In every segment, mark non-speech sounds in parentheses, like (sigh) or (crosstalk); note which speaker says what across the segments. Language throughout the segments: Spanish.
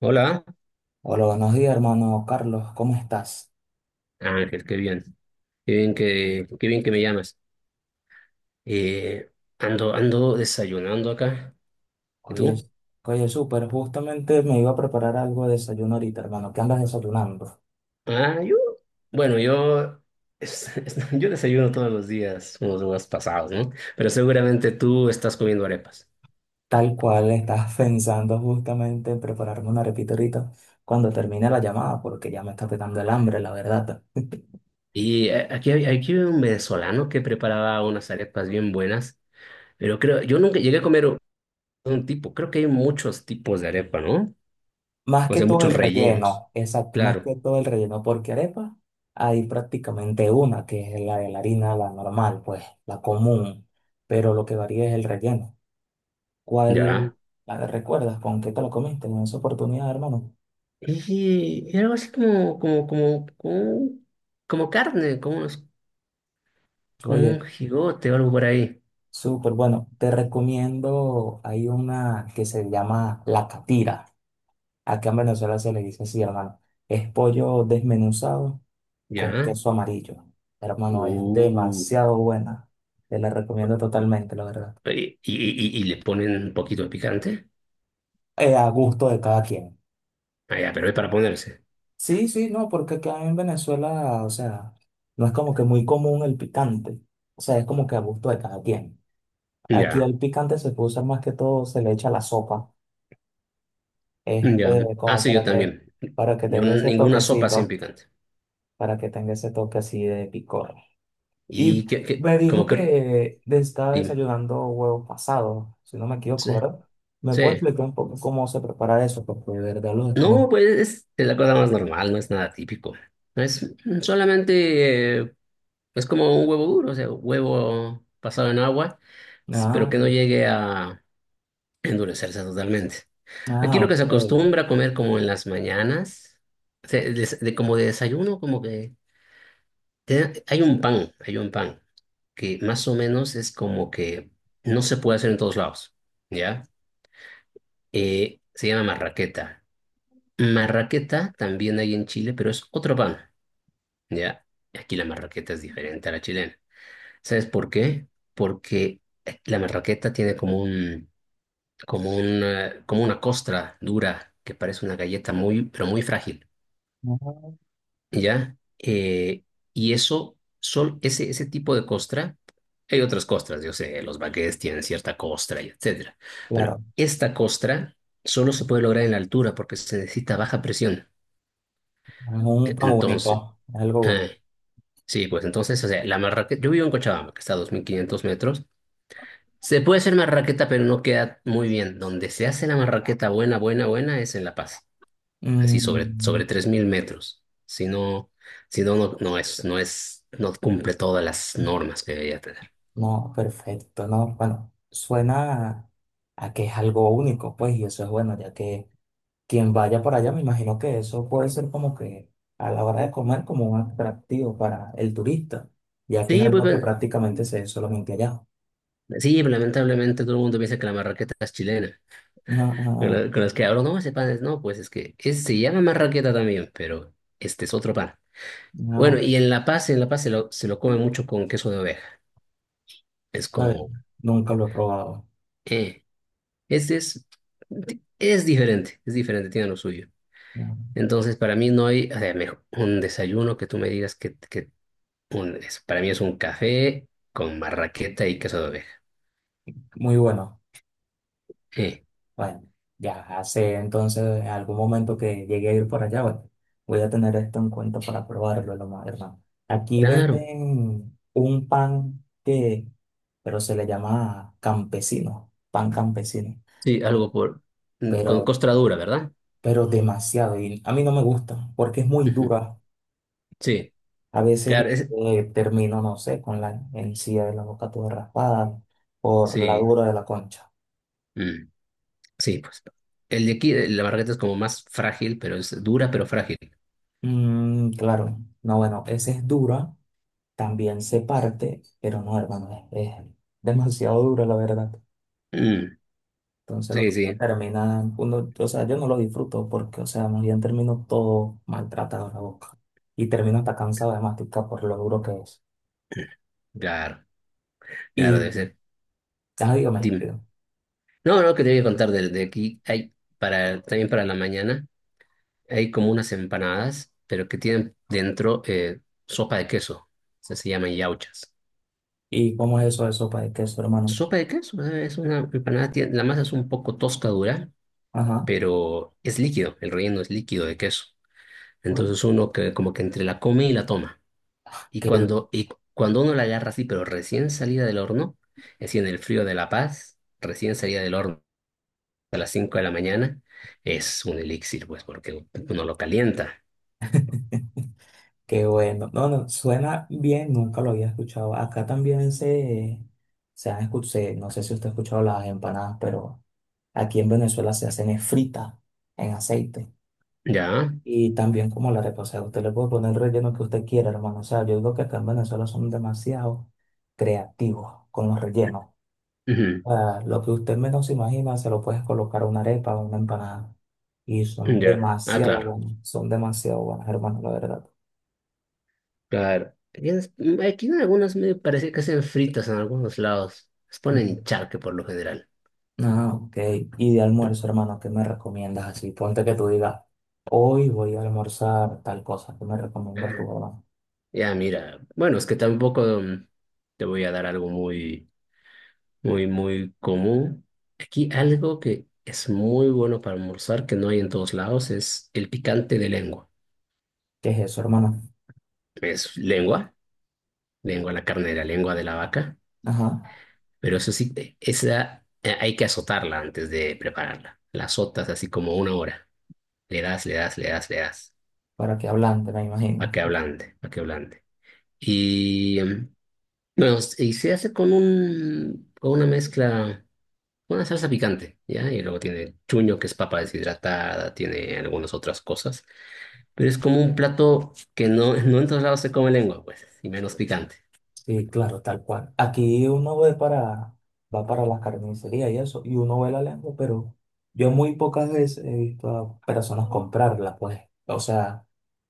Speaker 1: Hola,
Speaker 2: Hola, buenos días, hermano Carlos, ¿cómo estás?
Speaker 1: Ángel, qué bien, qué bien que me llamas. Eh, ando desayunando acá. ¿Y
Speaker 2: Oye,
Speaker 1: tú?
Speaker 2: oye, súper, justamente me iba a preparar algo de desayuno ahorita, hermano. ¿Qué andas desayunando?
Speaker 1: Ah, yo, bueno, (laughs) yo desayuno todos los días, unos días pasados, ¿no? Pero seguramente tú estás comiendo arepas.
Speaker 2: Tal cual estás (laughs) pensando justamente en prepararme una arepita ahorita cuando termine la llamada, porque ya me está pegando el hambre, la verdad. (laughs)
Speaker 1: Y aquí, aquí hay un venezolano que preparaba unas arepas bien buenas, pero creo, yo nunca llegué a comer un tipo. Creo que hay muchos tipos de arepa, ¿no?
Speaker 2: Más
Speaker 1: O
Speaker 2: que
Speaker 1: sea,
Speaker 2: todo
Speaker 1: muchos
Speaker 2: el
Speaker 1: rellenos.
Speaker 2: relleno, exacto, más
Speaker 1: Claro,
Speaker 2: que todo el relleno, porque arepa hay prácticamente una, que es la de la harina, la normal, pues, la común, pero lo que varía es el relleno.
Speaker 1: ya.
Speaker 2: ¿Cuál la recuerdas? ¿Con qué te lo comiste? En esa oportunidad, hermano.
Speaker 1: Y era algo así como carne, como un
Speaker 2: Oye,
Speaker 1: jigote o algo por ahí.
Speaker 2: súper bueno. Te recomiendo, hay una que se llama la catira. Acá en Venezuela se le dice así, hermano. Es pollo desmenuzado con
Speaker 1: ¿Ya?
Speaker 2: queso amarillo. Hermano, es
Speaker 1: Uh,
Speaker 2: demasiado buena. Te la recomiendo totalmente, la verdad.
Speaker 1: y le ponen un poquito de picante.
Speaker 2: A gusto de cada quien.
Speaker 1: Ah, ya, pero es para ponerse.
Speaker 2: Sí, sí, no, porque acá en Venezuela, o sea, no es como que muy común el picante. O sea, es como que a gusto de cada quien. Aquí
Speaker 1: Ya,
Speaker 2: el picante se puede usar más que todo, se le echa a la sopa,
Speaker 1: ya.
Speaker 2: este,
Speaker 1: Ah,
Speaker 2: como
Speaker 1: sí, yo también.
Speaker 2: para que
Speaker 1: Yo
Speaker 2: tenga ese
Speaker 1: ninguna sopa sin
Speaker 2: toquecito,
Speaker 1: picante.
Speaker 2: para que tenga ese toque así de picor. Y
Speaker 1: Y
Speaker 2: me dijo
Speaker 1: como que,
Speaker 2: que estaba
Speaker 1: dime.
Speaker 2: desayunando huevos pasados, si no me equivoco,
Speaker 1: Sí,
Speaker 2: ¿verdad? ¿Me puede
Speaker 1: sí.
Speaker 2: explicar un poco cómo se prepara eso? Porque de verdad lo desconozco.
Speaker 1: No, pues es la cosa más normal, no es nada típico. Es solamente eh, Es como un huevo duro, o sea, huevo pasado en agua, pero
Speaker 2: Ah,
Speaker 1: que no llegue a endurecerse totalmente. Aquí
Speaker 2: ah,
Speaker 1: lo que se
Speaker 2: ok.
Speaker 1: acostumbra a comer como en las mañanas, o sea, de, como de desayuno, como hay un pan, que más o menos es como que no se puede hacer en todos lados, ¿ya? Se llama marraqueta. Marraqueta también hay en Chile, pero es otro pan, ¿ya? Aquí la marraqueta es diferente a la chilena. ¿Sabes por qué? Porque la marraqueta tiene como una costra dura que parece una galleta muy, pero muy frágil,
Speaker 2: Ah,
Speaker 1: ¿ya? Ese tipo de costra, hay otras costras, yo sé, los baguettes tienen cierta costra y etcétera, pero
Speaker 2: claro,
Speaker 1: esta costra solo se puede lograr en la altura porque se necesita baja presión.
Speaker 2: es un pan
Speaker 1: Entonces,
Speaker 2: único, es algo único.
Speaker 1: eh, sí, pues entonces, o sea, la marraqueta, yo vivo en Cochabamba, que está a 2.500 metros. Se puede hacer marraqueta, pero no queda muy bien. Donde se hace la marraqueta buena, buena, buena es en La Paz, así
Speaker 2: Mm.
Speaker 1: sobre 3.000 metros. Si no, si no, no, no es, no es, No cumple todas las normas que debería tener.
Speaker 2: No, perfecto, no, bueno, suena a que es algo único, pues, y eso es bueno, ya que quien vaya por allá, me imagino que eso puede ser como que a la hora de comer como un atractivo para el turista, ya que es
Speaker 1: Sí, pues,
Speaker 2: algo que
Speaker 1: bueno,
Speaker 2: prácticamente se ve solamente allá.
Speaker 1: sí, lamentablemente todo el mundo piensa que la marraqueta es chilena.
Speaker 2: No, no,
Speaker 1: Con los que hablo, no, ese pan es, no, pues es que se llama marraqueta también, pero este es otro pan. Bueno,
Speaker 2: no,
Speaker 1: y en La Paz, se lo come mucho con queso de oveja. Es
Speaker 2: vale,
Speaker 1: como,
Speaker 2: nunca lo he probado.
Speaker 1: eh, Este es diferente, tiene lo suyo.
Speaker 2: No,
Speaker 1: Entonces, para mí no hay, o sea, mejor, un desayuno que tú me digas que para mí es un café con marraqueta y queso de oveja.
Speaker 2: muy bueno.
Speaker 1: Eh,
Speaker 2: Bueno, ya hace entonces algún momento que llegué a ir por allá, bueno, voy a tener esto en cuenta para probarlo, lo más, hermano. Aquí
Speaker 1: claro,
Speaker 2: venden un pan que, pero se le llama campesino, pan campesino,
Speaker 1: sí,
Speaker 2: eh,
Speaker 1: algo por, con
Speaker 2: pero,
Speaker 1: costra dura, ¿verdad?
Speaker 2: pero demasiado, y a mí no me gusta porque es muy
Speaker 1: Ujú.
Speaker 2: dura.
Speaker 1: Sí,
Speaker 2: A veces
Speaker 1: claro, es,
Speaker 2: termino, no sé, con la encía de la boca toda raspada por la
Speaker 1: sí,
Speaker 2: dura de la concha.
Speaker 1: mm, sí, pues. El de aquí, la marraqueta es como más frágil, pero es dura, pero frágil.
Speaker 2: Mm, claro, no, bueno, esa es dura. También se parte, pero no, hermano, es demasiado duro, la verdad.
Speaker 1: Mm,
Speaker 2: Entonces, lo que
Speaker 1: sí,
Speaker 2: uno
Speaker 1: sí,
Speaker 2: termina, uno, o sea, yo no lo disfruto porque, o sea, más bien termino todo maltratado en la boca. Y termino hasta cansado de masticar por lo duro que es.
Speaker 1: claro, claro, debe
Speaker 2: Y,
Speaker 1: ser.
Speaker 2: ah, dígame,
Speaker 1: Dime.
Speaker 2: dígame,
Speaker 1: No, no, que te voy a contar de aquí. Hay para, también para la mañana, hay como unas empanadas, pero que tienen dentro sopa de queso. Se llaman yauchas.
Speaker 2: ¿y cómo es eso de sopa de queso, hermano?
Speaker 1: Sopa de queso, es una empanada, la masa es un poco tosca dura,
Speaker 2: Ajá,
Speaker 1: pero es líquido, el relleno es líquido de queso.
Speaker 2: bueno,
Speaker 1: Entonces uno que como que entre la come y la toma.
Speaker 2: qué,
Speaker 1: Y cuando uno la agarra así, pero recién salida del horno, así en el frío de La Paz, recién salida del horno a las 5 de la mañana, es un elixir, pues, porque uno lo calienta.
Speaker 2: qué bueno. No, no, suena bien, nunca lo había escuchado. Acá también se han escuchado, no sé si usted ha escuchado las empanadas, pero. Aquí en Venezuela se hacen es frita en aceite.
Speaker 1: ¿Ya?
Speaker 2: Y también como la arepa, o sea, usted le puede poner el relleno que usted quiera, hermano. O sea, yo digo que acá en Venezuela son demasiado creativos con los rellenos.
Speaker 1: Ujú.
Speaker 2: O sea, lo que usted menos se imagina, se lo puedes colocar a una arepa o una empanada. Y son
Speaker 1: Ya. Ah,
Speaker 2: demasiado
Speaker 1: claro.
Speaker 2: buenos, son demasiado buenas, hermano, la verdad.
Speaker 1: Claro. Aquí en algunos me parece que hacen fritas en algunos lados. Les ponen
Speaker 2: Mm.
Speaker 1: charque por lo general.
Speaker 2: Ah, ok. Y de almuerzo, hermano, ¿qué me recomiendas así? Ponte que tú digas, hoy voy a almorzar tal cosa. ¿Qué me recomiendas tú, hermano?
Speaker 1: Ya, mira, bueno, es que tampoco te voy a dar algo muy, muy, muy común. Aquí algo que es muy bueno para almorzar, que no hay en todos lados, es el picante de lengua.
Speaker 2: ¿Qué es eso, hermano?
Speaker 1: Es lengua, lengua, la carne de la lengua de la vaca.
Speaker 2: Ajá.
Speaker 1: Pero eso sí, esa hay que azotarla antes de prepararla. La azotas así como una hora. Le das, le das, le das, le das.
Speaker 2: Para que hablante, me
Speaker 1: Para
Speaker 2: imagino.
Speaker 1: que ablande, para que ablande. Y, bueno, y se hace con un, con una mezcla, una salsa picante, ¿ya? Y luego tiene chuño, que es papa deshidratada, tiene algunas otras cosas. Pero es como un plato que no, no en todos lados se come lengua, pues, y menos picante.
Speaker 2: Sí, claro, tal cual. Aquí uno ve para, va para las carnicerías y eso, y uno ve la lengua, pero yo muy pocas veces he visto a personas comprarla, pues. O sea,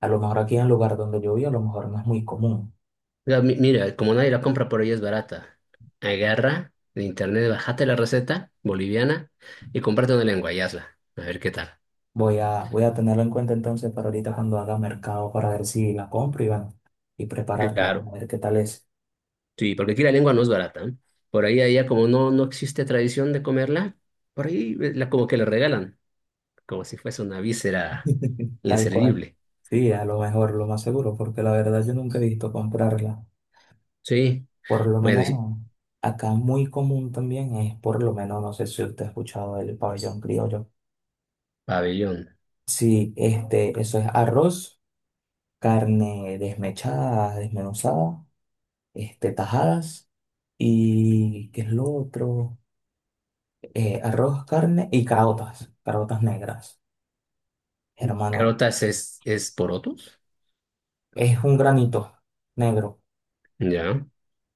Speaker 2: a lo mejor aquí en el lugar donde yo vivo, a lo mejor no es muy común.
Speaker 1: Mira, mira, como nadie la compra, por ella es barata. Agarra de internet, bájate la receta boliviana y comprate una lengua y hazla. A ver qué tal.
Speaker 2: Voy a, voy a tenerlo en cuenta entonces para ahorita cuando haga mercado para ver si la compro y bueno, y prepararla,
Speaker 1: Claro.
Speaker 2: a ver qué tal es.
Speaker 1: Sí, porque aquí la lengua no es barata, ¿eh? Por ahí, allá, como no, no existe tradición de comerla, por ahí la, como que la regalan, como si fuese una víscera
Speaker 2: (laughs) Tal cual.
Speaker 1: inservible.
Speaker 2: Sí, a lo mejor, lo más seguro, porque la verdad yo nunca he visto comprarla.
Speaker 1: Sí,
Speaker 2: Por lo
Speaker 1: bueno, sí,
Speaker 2: menos acá muy común también es, por lo menos, no sé si usted ha escuchado el pabellón criollo.
Speaker 1: pabellón.
Speaker 2: Sí, este, eso es arroz, carne desmechada, desmenuzada, este, tajadas y ¿qué es lo otro? Arroz, carne y carotas, carotas negras. Hermano,
Speaker 1: Carotas es porotos,
Speaker 2: es un granito negro
Speaker 1: ya.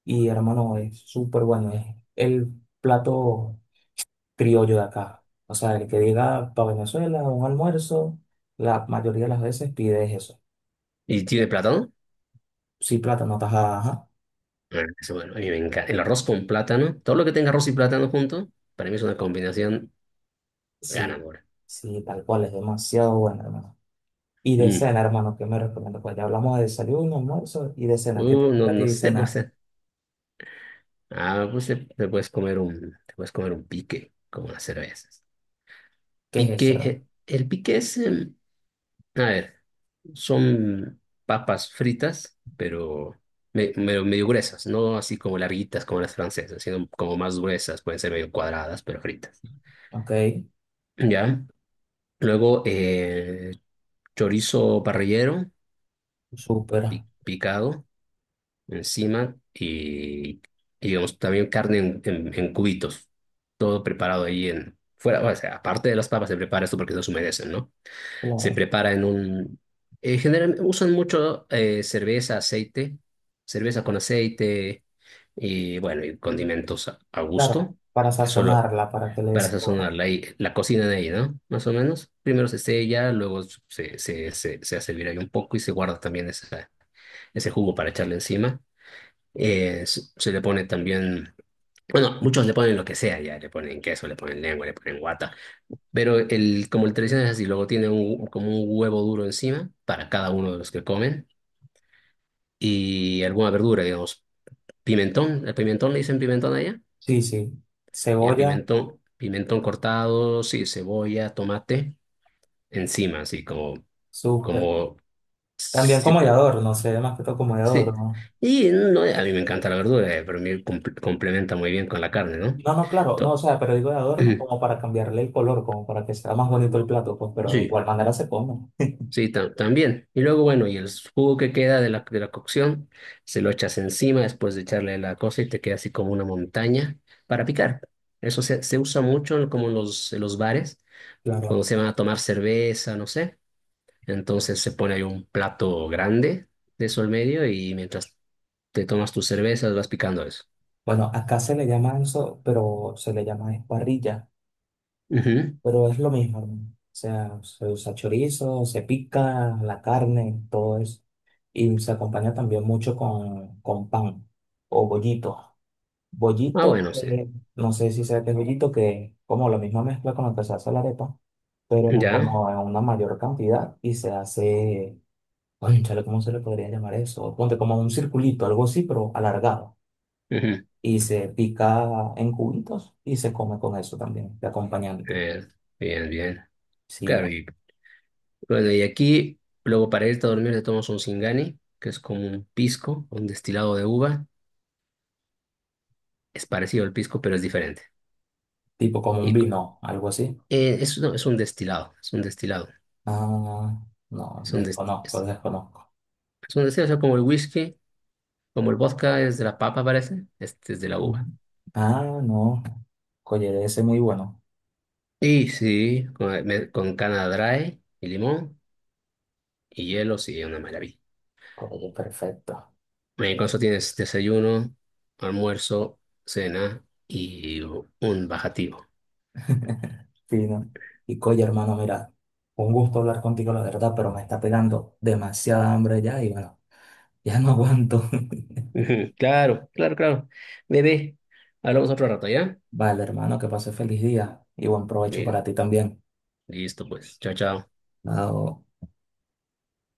Speaker 2: y hermano, es súper bueno, es el plato criollo de acá. O sea, el que diga para Venezuela un almuerzo, la mayoría de las veces pides eso.
Speaker 1: ¿Y tiene plátano?
Speaker 2: Sí, plátano, tajada, ajá.
Speaker 1: Bueno, eso, bueno, a mí me encanta. El arroz con plátano, todo lo que tenga arroz y plátano junto, para mí es una combinación
Speaker 2: Sí,
Speaker 1: ganadora.
Speaker 2: sí, tal cual, es demasiado bueno, hermano. Y de
Speaker 1: Mm.
Speaker 2: cena, hermano, ¿qué me recomiendo? Pues ya hablamos de desayuno, almuerzo y de cena. ¿Qué te
Speaker 1: No,
Speaker 2: gusta a ti
Speaker 1: no
Speaker 2: de
Speaker 1: sé, pues,
Speaker 2: cenar?
Speaker 1: pues te puedes comer te puedes comer un pique, como las cervezas.
Speaker 2: ¿Qué es
Speaker 1: Pique,
Speaker 2: eso, hermano?
Speaker 1: el pique es, a ver, son papas fritas, pero medio, medio gruesas, no así como larguitas como las francesas, sino como más gruesas, pueden ser medio cuadradas, pero fritas.
Speaker 2: Ok,
Speaker 1: ¿Ya? Luego, chorizo parrillero
Speaker 2: súper.
Speaker 1: picado encima y, digamos, también carne en, en cubitos. Todo preparado ahí en... Fuera, o sea, aparte de las papas se prepara esto porque no se humedecen, ¿no? Se
Speaker 2: Claro,
Speaker 1: prepara en un... generalmente usan mucho cerveza, aceite, cerveza con aceite y, bueno, y condimentos a
Speaker 2: claro,
Speaker 1: gusto.
Speaker 2: para
Speaker 1: Solo
Speaker 2: sazonarla, para que le dé
Speaker 1: para
Speaker 2: sabor.
Speaker 1: sazonar la, la cocina de ahí, ¿no? Más o menos. Primero se sella, luego se hace hervir ahí un poco y se guarda también esa ese jugo para echarle encima. Se le pone también, bueno, muchos le ponen lo que sea ya, le ponen queso, le ponen lengua, le ponen guata, pero el, como el tradicional es así, luego tiene un, como un huevo duro encima para cada uno de los que comen y alguna verdura, digamos, pimentón, el pimentón le dicen pimentón allá,
Speaker 2: Sí, sí,
Speaker 1: y
Speaker 2: cebolla,
Speaker 1: pimentón, pimentón cortado, sí, cebolla, tomate encima, así como,
Speaker 2: súper.
Speaker 1: como,
Speaker 2: También
Speaker 1: sí.
Speaker 2: como de adorno, sé, más que todo como de
Speaker 1: Sí.
Speaker 2: adorno.
Speaker 1: Y no, a mí me encanta la verdura, pero me complementa muy bien con la carne, ¿no?
Speaker 2: No, no, claro, no, o
Speaker 1: To-
Speaker 2: sea, pero digo de adorno
Speaker 1: Ujú.
Speaker 2: como para cambiarle el color, como para que sea más bonito el plato, pues, pero de
Speaker 1: Sí,
Speaker 2: igual manera se come.
Speaker 1: sí, también. Y luego, bueno, y el jugo que queda de la cocción, se lo echas encima después de echarle la cosa y te queda así como una montaña para picar. Eso se usa mucho en como en los bares,
Speaker 2: Claro.
Speaker 1: cuando se van a tomar cerveza, no sé. Entonces se pone ahí un plato grande de eso al medio y mientras te tomas tus cervezas vas picando eso.
Speaker 2: Bueno, acá se le llama eso, pero se le llama esparrilla,
Speaker 1: Ujú.
Speaker 2: pero es lo mismo, hermano. O sea, se usa chorizo, se pica la carne, todo eso. Y se acompaña también mucho con pan o bollito.
Speaker 1: Ah,
Speaker 2: Bollito,
Speaker 1: bueno, sí.
Speaker 2: no sé si sea que es bollito, que es como la misma mezcla con la que se hace la arepa, pero
Speaker 1: Ya.
Speaker 2: como en una mayor cantidad y se hace. Cónchale, ¿cómo se le podría llamar eso? Ponte como un circulito, algo así, pero alargado.
Speaker 1: Ujú. (laughs)
Speaker 2: Y se pica en cubitos y se come con eso también, de acompañante.
Speaker 1: Eh, bien, bien.
Speaker 2: Sí,
Speaker 1: Claro,
Speaker 2: era
Speaker 1: y bueno, y aquí, luego para irte a dormir te tomas un Singani, que es como un pisco, un destilado de uva. Es parecido al pisco, pero es diferente.
Speaker 2: tipo como un
Speaker 1: Y cu-
Speaker 2: vino, algo así.
Speaker 1: no, es un destilado, es un destilado.
Speaker 2: Ah, no,
Speaker 1: Es un, des-
Speaker 2: desconozco,
Speaker 1: es,
Speaker 2: desconozco.
Speaker 1: es un destilado, o sea, como el whisky, como el vodka es de la papa, parece. Este es de la
Speaker 2: Ujú.
Speaker 1: uva.
Speaker 2: Ah, no, Colle, ese muy bueno.
Speaker 1: Y sí, con cana dry y limón y hielo, sí, una maravilla.
Speaker 2: Colle, perfecto.
Speaker 1: Con eso tienes desayuno, almuerzo, cena y un bajativo.
Speaker 2: Fino. Y Colle, hermano, mira, un gusto hablar contigo, la verdad, pero me está pegando demasiada hambre ya y bueno, ya no aguanto.
Speaker 1: Ujú. Claro, claro, claro. Bebé, hablamos otro rato, ¿ya?
Speaker 2: (laughs) Vale, hermano, que pase feliz día y buen provecho
Speaker 1: Eh,
Speaker 2: para ti también.
Speaker 1: listo, pues. Chao, chao.
Speaker 2: Ah, o-